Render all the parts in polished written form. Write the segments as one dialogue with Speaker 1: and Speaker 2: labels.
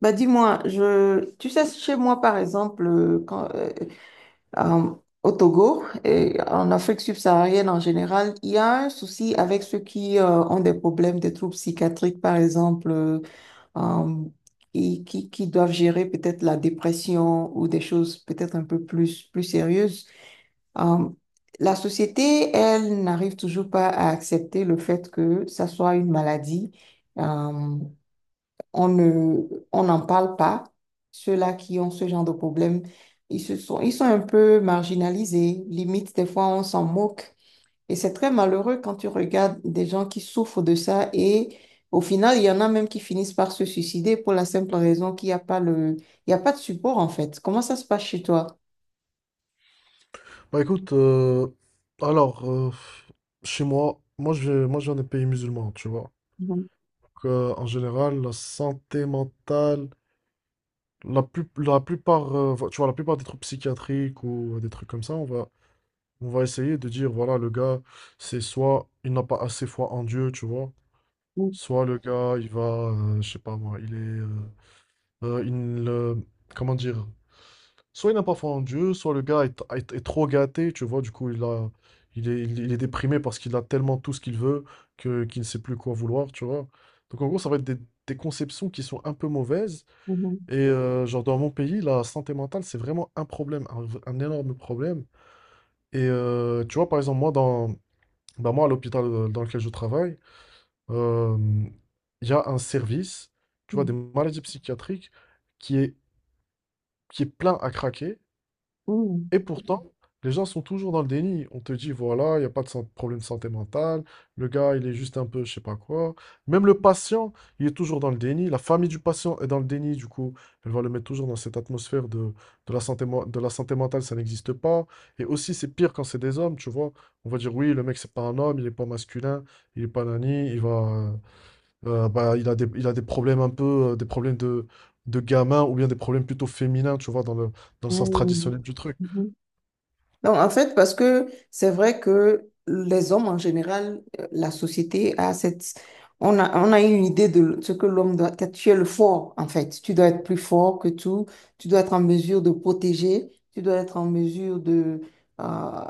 Speaker 1: Bah dis-moi, tu sais, chez moi par exemple, euh, au Togo et en Afrique subsaharienne en général, il y a un souci avec ceux qui ont des problèmes, des troubles psychiatriques par exemple, euh, et qui doivent gérer peut-être la dépression ou des choses peut-être un peu plus sérieuses. Euh, la société, elle, n'arrive toujours pas à accepter le fait que ça soit une maladie. Euh, on n'en parle pas. Ceux-là qui ont ce genre de problème, ils sont un peu marginalisés. Limite, des fois, on s'en moque. Et c'est très malheureux quand tu regardes des gens qui souffrent de ça et au final, il y en a même qui finissent par se suicider pour la simple raison qu'il n'y a pas le, il y a pas de support en fait. Comment ça se passe chez toi?
Speaker 2: Bah écoute, alors, chez moi, moi je viens des pays musulmans, tu vois.
Speaker 1: Mhm,
Speaker 2: Donc, en général, la santé mentale, la plupart, tu vois, la plupart des troubles psychiatriques ou des trucs comme ça, on va essayer de dire, voilà, le gars, c'est soit il n'a pas assez foi en Dieu, tu vois,
Speaker 1: mhm,
Speaker 2: soit le gars, il va, je sais pas moi, euh, il, euh, comment dire, soit il n'a pas foi en Dieu, soit le gars est, est trop gâté, tu vois, du coup, il est déprimé parce qu'il a tellement tout ce qu'il veut qu'il ne sait plus quoi vouloir, tu vois. Donc, en gros, ça va être des, conceptions qui sont un peu mauvaises.
Speaker 1: mhm,
Speaker 2: Et genre, dans mon pays, la santé mentale, c'est vraiment un problème, un énorme problème. Et tu vois, par exemple, moi, bah, moi à l'hôpital dans lequel je travaille, euh, il y a un service, tu vois, des maladies psychiatriques qui est, qui est plein à craquer.
Speaker 1: mhm,
Speaker 2: Et pourtant, les gens sont toujours dans le déni. On te dit, voilà, il n'y a pas de problème de santé mentale, le gars, il est juste un peu, je sais pas quoi. Même le patient, il est toujours dans le déni. La famille du patient est dans le déni, du coup, elle va le mettre toujours dans cette atmosphère de, la de la santé mentale, ça n'existe pas. Et aussi, c'est pire quand c'est des hommes, tu vois. On va dire, oui, le mec, c'est pas un homme, il est pas masculin, il est pas nani, bah, il a des problèmes un peu, des problèmes de, gamin ou bien des problèmes plutôt féminins, tu vois, dans le
Speaker 1: mhm,
Speaker 2: sens
Speaker 1: mhm,
Speaker 2: traditionnel du truc.
Speaker 1: mhm. Donc, en fait, parce que c'est vrai que les hommes en général, la société a cette... On a une idée de ce que l'homme doit être. Tu es le fort, en fait. Tu dois être plus fort que tout. Tu dois être en mesure de protéger. Tu dois être en mesure euh,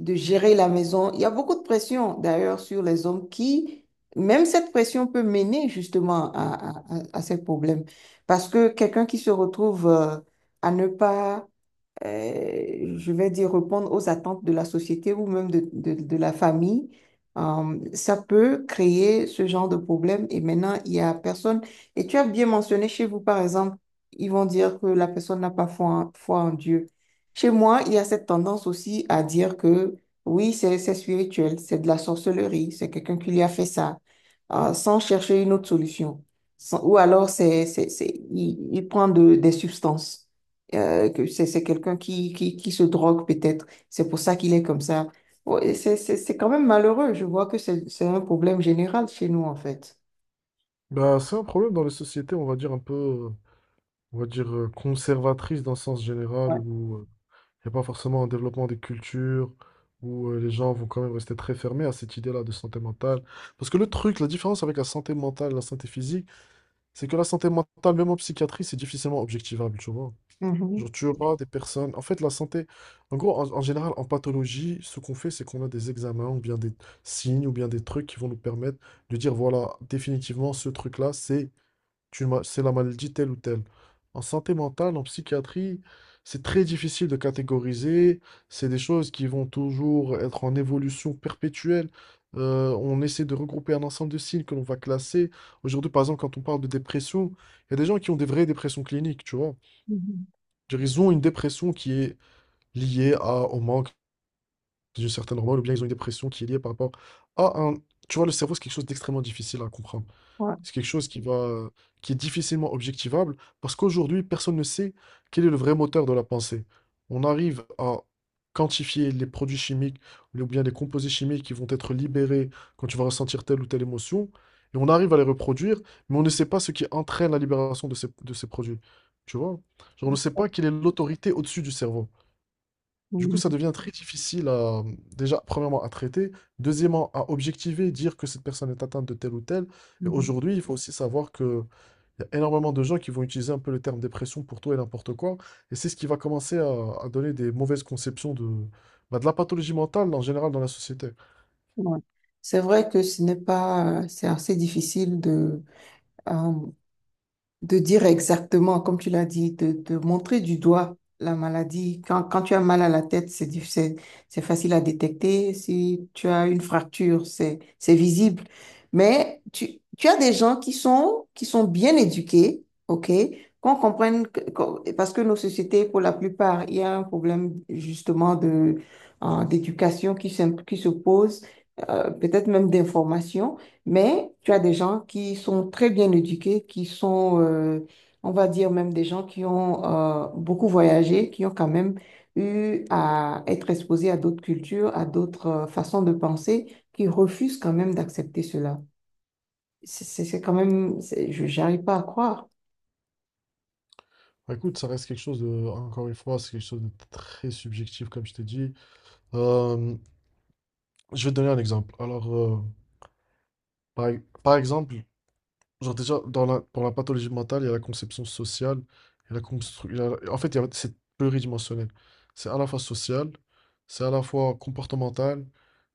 Speaker 1: de gérer la maison. Il y a beaucoup de pression, d'ailleurs, sur les hommes qui, même cette pression peut mener justement à ces problèmes. Parce que quelqu'un qui se retrouve, à ne pas je vais dire, répondre aux attentes de la société ou même de la famille, ça peut créer ce genre de problème et maintenant, il y a personne. Et tu as bien mentionné chez vous, par exemple, ils vont dire que la personne n'a pas foi en Dieu. Chez moi, il y a cette tendance aussi à dire que oui, c'est spirituel, c'est de la sorcellerie, c'est quelqu'un qui lui a fait ça, sans chercher une autre solution. Ou alors, il prend des substances que c'est quelqu'un qui se drogue peut-être. C'est pour ça qu'il est comme ça. Ouais, c'est quand même malheureux. Je vois que c'est un problème général chez nous, en fait.
Speaker 2: Bah, c'est un problème dans les sociétés, on va dire conservatrices dans le sens général,
Speaker 1: Ouais.
Speaker 2: où il n'y a pas forcément un développement des cultures, où les gens vont quand même rester très fermés à cette idée-là de santé mentale. Parce que le truc, la différence avec la santé mentale et la santé physique, c'est que la santé mentale, même en psychiatrie, c'est difficilement objectivable, tu vois.
Speaker 1: Mhm.
Speaker 2: Genre, tu auras des personnes. En fait, la santé, en gros, en général, en pathologie, ce qu'on fait, c'est qu'on a des examens ou bien des signes ou bien des trucs qui vont nous permettre de dire, voilà, définitivement, ce truc-là, c'est la maladie telle ou telle. En santé mentale, en psychiatrie, c'est très difficile de catégoriser. C'est des choses qui vont toujours être en évolution perpétuelle. On essaie de regrouper un ensemble de signes que l'on va classer. Aujourd'hui, par exemple, quand on parle de dépression, il y a des gens qui ont des vraies dépressions cliniques, tu vois.
Speaker 1: Mhm.
Speaker 2: Je veux dire, ils ont une dépression qui est liée au manque d'une certaine hormone, ou bien ils ont une dépression qui est liée par rapport à un... Tu vois, le cerveau, c'est quelque chose d'extrêmement difficile à comprendre.
Speaker 1: Ouais.
Speaker 2: C'est quelque chose qui est difficilement objectivable parce qu'aujourd'hui, personne ne sait quel est le vrai moteur de la pensée. On arrive à quantifier les produits chimiques ou bien les composés chimiques qui vont être libérés quand tu vas ressentir telle ou telle émotion et on arrive à les reproduire, mais on ne sait pas ce qui entraîne la libération de ces produits. Tu vois? Genre, on ne sait pas quelle est l'autorité au-dessus du cerveau. Du coup,
Speaker 1: Mhm.
Speaker 2: ça devient très difficile déjà, premièrement, à traiter, deuxièmement, à objectiver, dire que cette personne est atteinte de tel ou tel. Et
Speaker 1: Mhm.
Speaker 2: aujourd'hui, il faut aussi savoir qu'il y a énormément de gens qui vont utiliser un peu le terme dépression pour tout et n'importe quoi. Et c'est ce qui va commencer à, donner des mauvaises conceptions de, bah, de la pathologie mentale en général dans la société.
Speaker 1: Ouais. C'est vrai que ce n'est pas, c'est assez difficile euh, de dire exactement, comme tu l'as dit, de montrer du doigt la maladie. Quand tu as mal à la tête, c'est facile à détecter. Si tu as une fracture, c'est visible. Mais tu as des gens qui sont bien éduqués, OK? Qu'on comprenne, parce que nos sociétés, pour la plupart, il y a un problème justement de, d'éducation qui se pose, peut-être même d'information. Mais tu as des gens qui sont très bien éduqués, qui sont, on va dire même des gens qui ont beaucoup voyagé, qui ont quand même eu à être exposés à d'autres cultures, à d'autres façons de penser, qui refusent quand même d'accepter cela. C'est quand même, c'est- Je n'arrive pas à croire.
Speaker 2: Bah, écoute, ça reste quelque chose encore une fois, c'est quelque chose de très subjectif, comme je t'ai dit. Euh, Je vais te donner un exemple. Alors, par, par exemple, genre déjà, pour la pathologie mentale, il y a la conception sociale, il y a la constru- il y a- en fait, c'est pluridimensionnel. C'est à la fois social, c'est à la fois comportemental,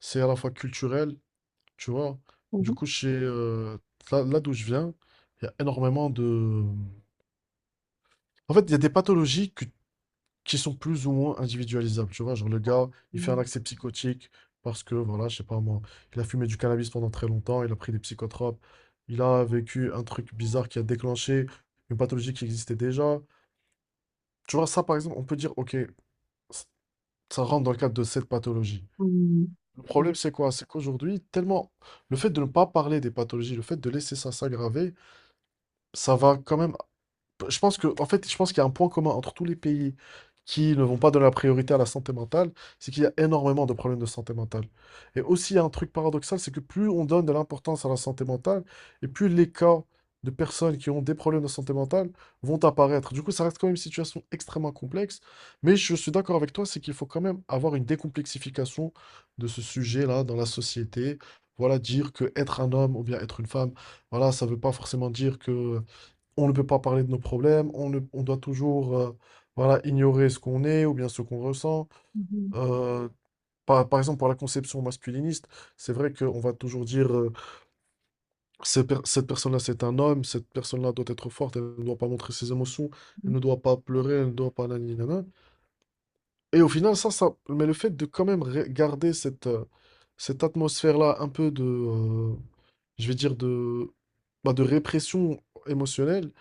Speaker 2: c'est à la fois culturel, tu vois. Du coup, là, d'où je viens, il y a énormément de... En fait, il y a des pathologies que qui sont plus ou moins individualisables, tu vois. Genre, le gars, il fait un
Speaker 1: Mhm.
Speaker 2: accès psychotique parce que, voilà, je sais pas moi, il a fumé du cannabis pendant très longtemps, il a pris des psychotropes, il a vécu un truc bizarre qui a déclenché une pathologie qui existait déjà. Tu vois, ça, par exemple, on peut dire, ok, ça rentre dans le cadre de cette pathologie.
Speaker 1: Mhm.
Speaker 2: Le problème, c'est quoi? C'est qu'aujourd'hui, tellement le fait de ne pas parler des pathologies, le fait de laisser ça s'aggraver, ça va quand même en fait, je pense qu'il y a un point commun entre tous les pays qui ne vont pas donner la priorité à la santé mentale, c'est qu'il y a énormément de problèmes de santé mentale. Et aussi, il y a un truc paradoxal, c'est que plus on donne de l'importance à la santé mentale, et plus les cas de personnes qui ont des problèmes de santé mentale vont apparaître. Du coup, ça reste quand même une situation extrêmement complexe, mais je suis d'accord avec toi, c'est qu'il faut quand même avoir une décomplexification de ce sujet-là dans la société. Voilà, dire que être un homme ou bien être une femme, voilà, ça ne veut pas forcément dire que on ne peut pas parler de nos problèmes, on ne- on doit toujours voilà, ignorer ce qu'on est ou bien ce qu'on ressent. Euh, par exemple, pour la conception masculiniste, c'est vrai qu'on va toujours dire cette personne-là, c'est un homme, cette personne-là doit être forte, elle ne doit pas montrer ses émotions, elle ne doit pas pleurer, elle ne doit pas... nanani, nanana. Et au final, ça... Mais le fait de quand même garder cette atmosphère-là un peu de... je vais dire de... bah, de répression émotionnelle,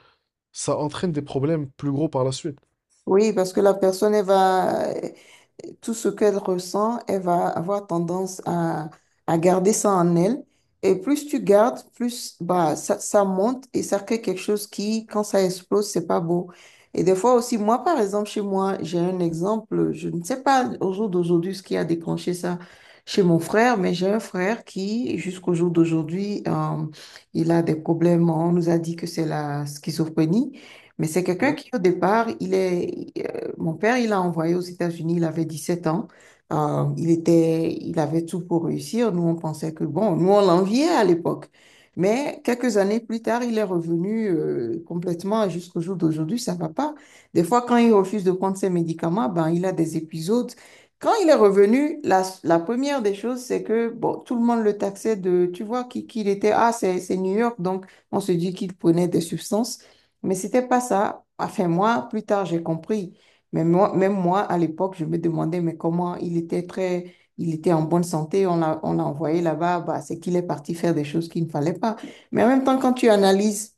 Speaker 2: ça entraîne des problèmes plus gros par la suite.
Speaker 1: Oui, parce que la personne, elle va, tout ce qu'elle ressent, elle va avoir tendance à garder ça en elle. Et plus tu gardes, plus bah, ça monte et ça crée quelque chose qui, quand ça explose, c'est pas beau. Et des fois aussi, moi, par exemple, chez moi, j'ai un exemple, je ne sais pas au jour d'aujourd'hui ce qui a déclenché ça chez mon frère, mais j'ai un frère qui, jusqu'au jour d'aujourd'hui, il a des problèmes. On nous a dit que c'est la schizophrénie. Mais c'est quelqu'un
Speaker 2: Ouais.
Speaker 1: qui, au départ, mon père, il l'a envoyé aux États-Unis, il avait 17 ans. Il il avait tout pour réussir. Nous, on pensait que, bon, nous, on l'enviait à l'époque. Mais quelques années plus tard, il est revenu complètement et jusqu'au jour d'aujourd'hui, ça va pas. Des fois, quand il refuse de prendre ses médicaments, ben, il a des épisodes. Quand il est revenu, la première des choses, c'est que, bon, tout le monde le taxait de, tu vois, qui il était, ah, c'est New York, donc on se dit qu'il prenait des substances. Mais c'était pas ça. Enfin, moi, plus tard, j'ai compris. Mais moi, même moi, à l'époque, je me demandais, mais comment il était très, il était en bonne santé, on l'a envoyé là-bas, bah, c'est qu'il est parti faire des choses qu'il ne fallait pas. Mais en même temps, quand tu analyses,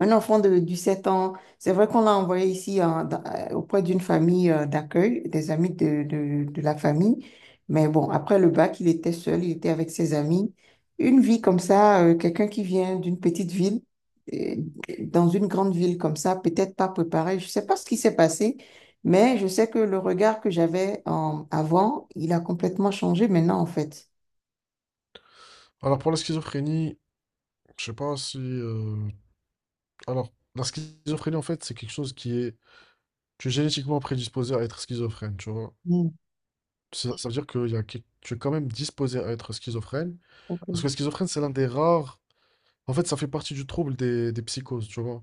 Speaker 1: un enfant de 17 ans, c'est vrai qu'on l'a envoyé ici hein, auprès d'une famille d'accueil, des amis de la famille. Mais bon, après le bac, il était seul, il était avec ses amis. Une vie comme ça, quelqu'un qui vient d'une petite ville, euh, dans une grande ville comme ça, peut-être pas préparé. Je sais pas ce qui s'est passé, mais je sais que le regard que j'avais avant, il a complètement changé maintenant, en fait.
Speaker 2: Alors pour la schizophrénie, je sais pas si... Alors, la schizophrénie, en fait, c'est quelque chose qui est... Tu es génétiquement prédisposé à être schizophrène, tu vois.
Speaker 1: Hmm,
Speaker 2: Ça veut dire que y a... tu es quand même disposé à être schizophrène.
Speaker 1: ok,
Speaker 2: Parce que la schizophrène, c'est l'un des rares... En fait, ça fait partie du trouble des, psychoses, tu vois.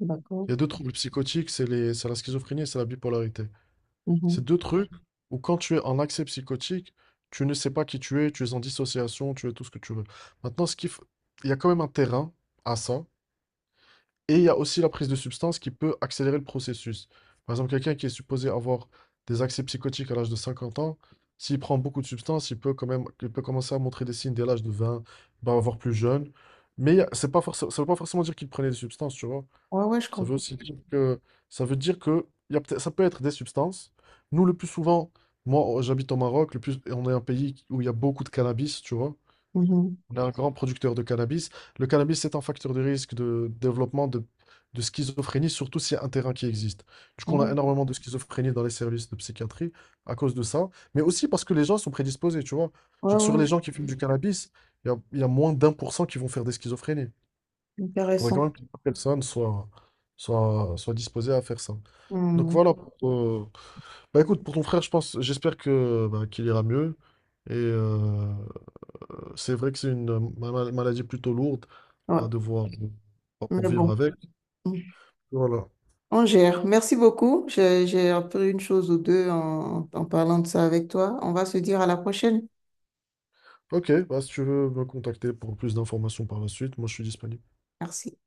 Speaker 1: d'accord.
Speaker 2: Il y a deux troubles psychotiques, c'est la schizophrénie et c'est la bipolarité.
Speaker 1: Mhm.
Speaker 2: C'est deux trucs où quand tu es en accès psychotique, tu ne sais pas qui tu es en dissociation, tu es tout ce que tu veux. Maintenant, il y a quand même un terrain à ça. Et il y a aussi la prise de substances qui peut accélérer le processus. Par exemple, quelqu'un qui est supposé avoir des accès psychotiques à l'âge de 50 ans, s'il prend beaucoup de substances, il peut commencer à montrer des signes dès l'âge de 20, bah, voire plus jeune. Mais c'est pas forcément, ça veut pas forcément dire qu'il prenait des substances, tu vois.
Speaker 1: Ouais, ouais, je
Speaker 2: Ça veut
Speaker 1: comprends.
Speaker 2: aussi dire que, Ça veut dire que il y a ça peut être des substances. Nous, le plus souvent, moi, j'habite au Maroc, le plus, et on est un pays où il y a beaucoup de cannabis, tu vois.
Speaker 1: Mhm.
Speaker 2: On est un grand producteur de cannabis. Le cannabis, est un facteur de risque de développement de, schizophrénie, surtout s'il y a un terrain qui existe. Du coup, on
Speaker 1: Ouais.
Speaker 2: a énormément de schizophrénie dans les services de psychiatrie à cause de ça, mais aussi parce que les gens sont prédisposés, tu vois.
Speaker 1: Ouais,
Speaker 2: Genre, sur les
Speaker 1: ouais.
Speaker 2: gens qui fument du cannabis, il y a moins d'1% qui vont faire des schizophrénies. Il faudrait
Speaker 1: Intéressant.
Speaker 2: quand même que les personnes soient, soient disposées à faire ça. Donc
Speaker 1: Hmm.
Speaker 2: voilà. Bah écoute, pour ton frère, j'espère que bah, qu'il ira mieux. Et, c'est vrai que c'est une maladie plutôt lourde à
Speaker 1: Ouais.
Speaker 2: devoir pour
Speaker 1: Mais
Speaker 2: vivre
Speaker 1: bon,
Speaker 2: avec.
Speaker 1: hmm.
Speaker 2: Voilà.
Speaker 1: On gère. Merci beaucoup. J'ai appris une chose ou deux en en parlant de ça avec toi. On va se dire à la prochaine.
Speaker 2: Ok, bah, si tu veux me contacter pour plus d'informations par la suite, moi je suis disponible.
Speaker 1: Merci.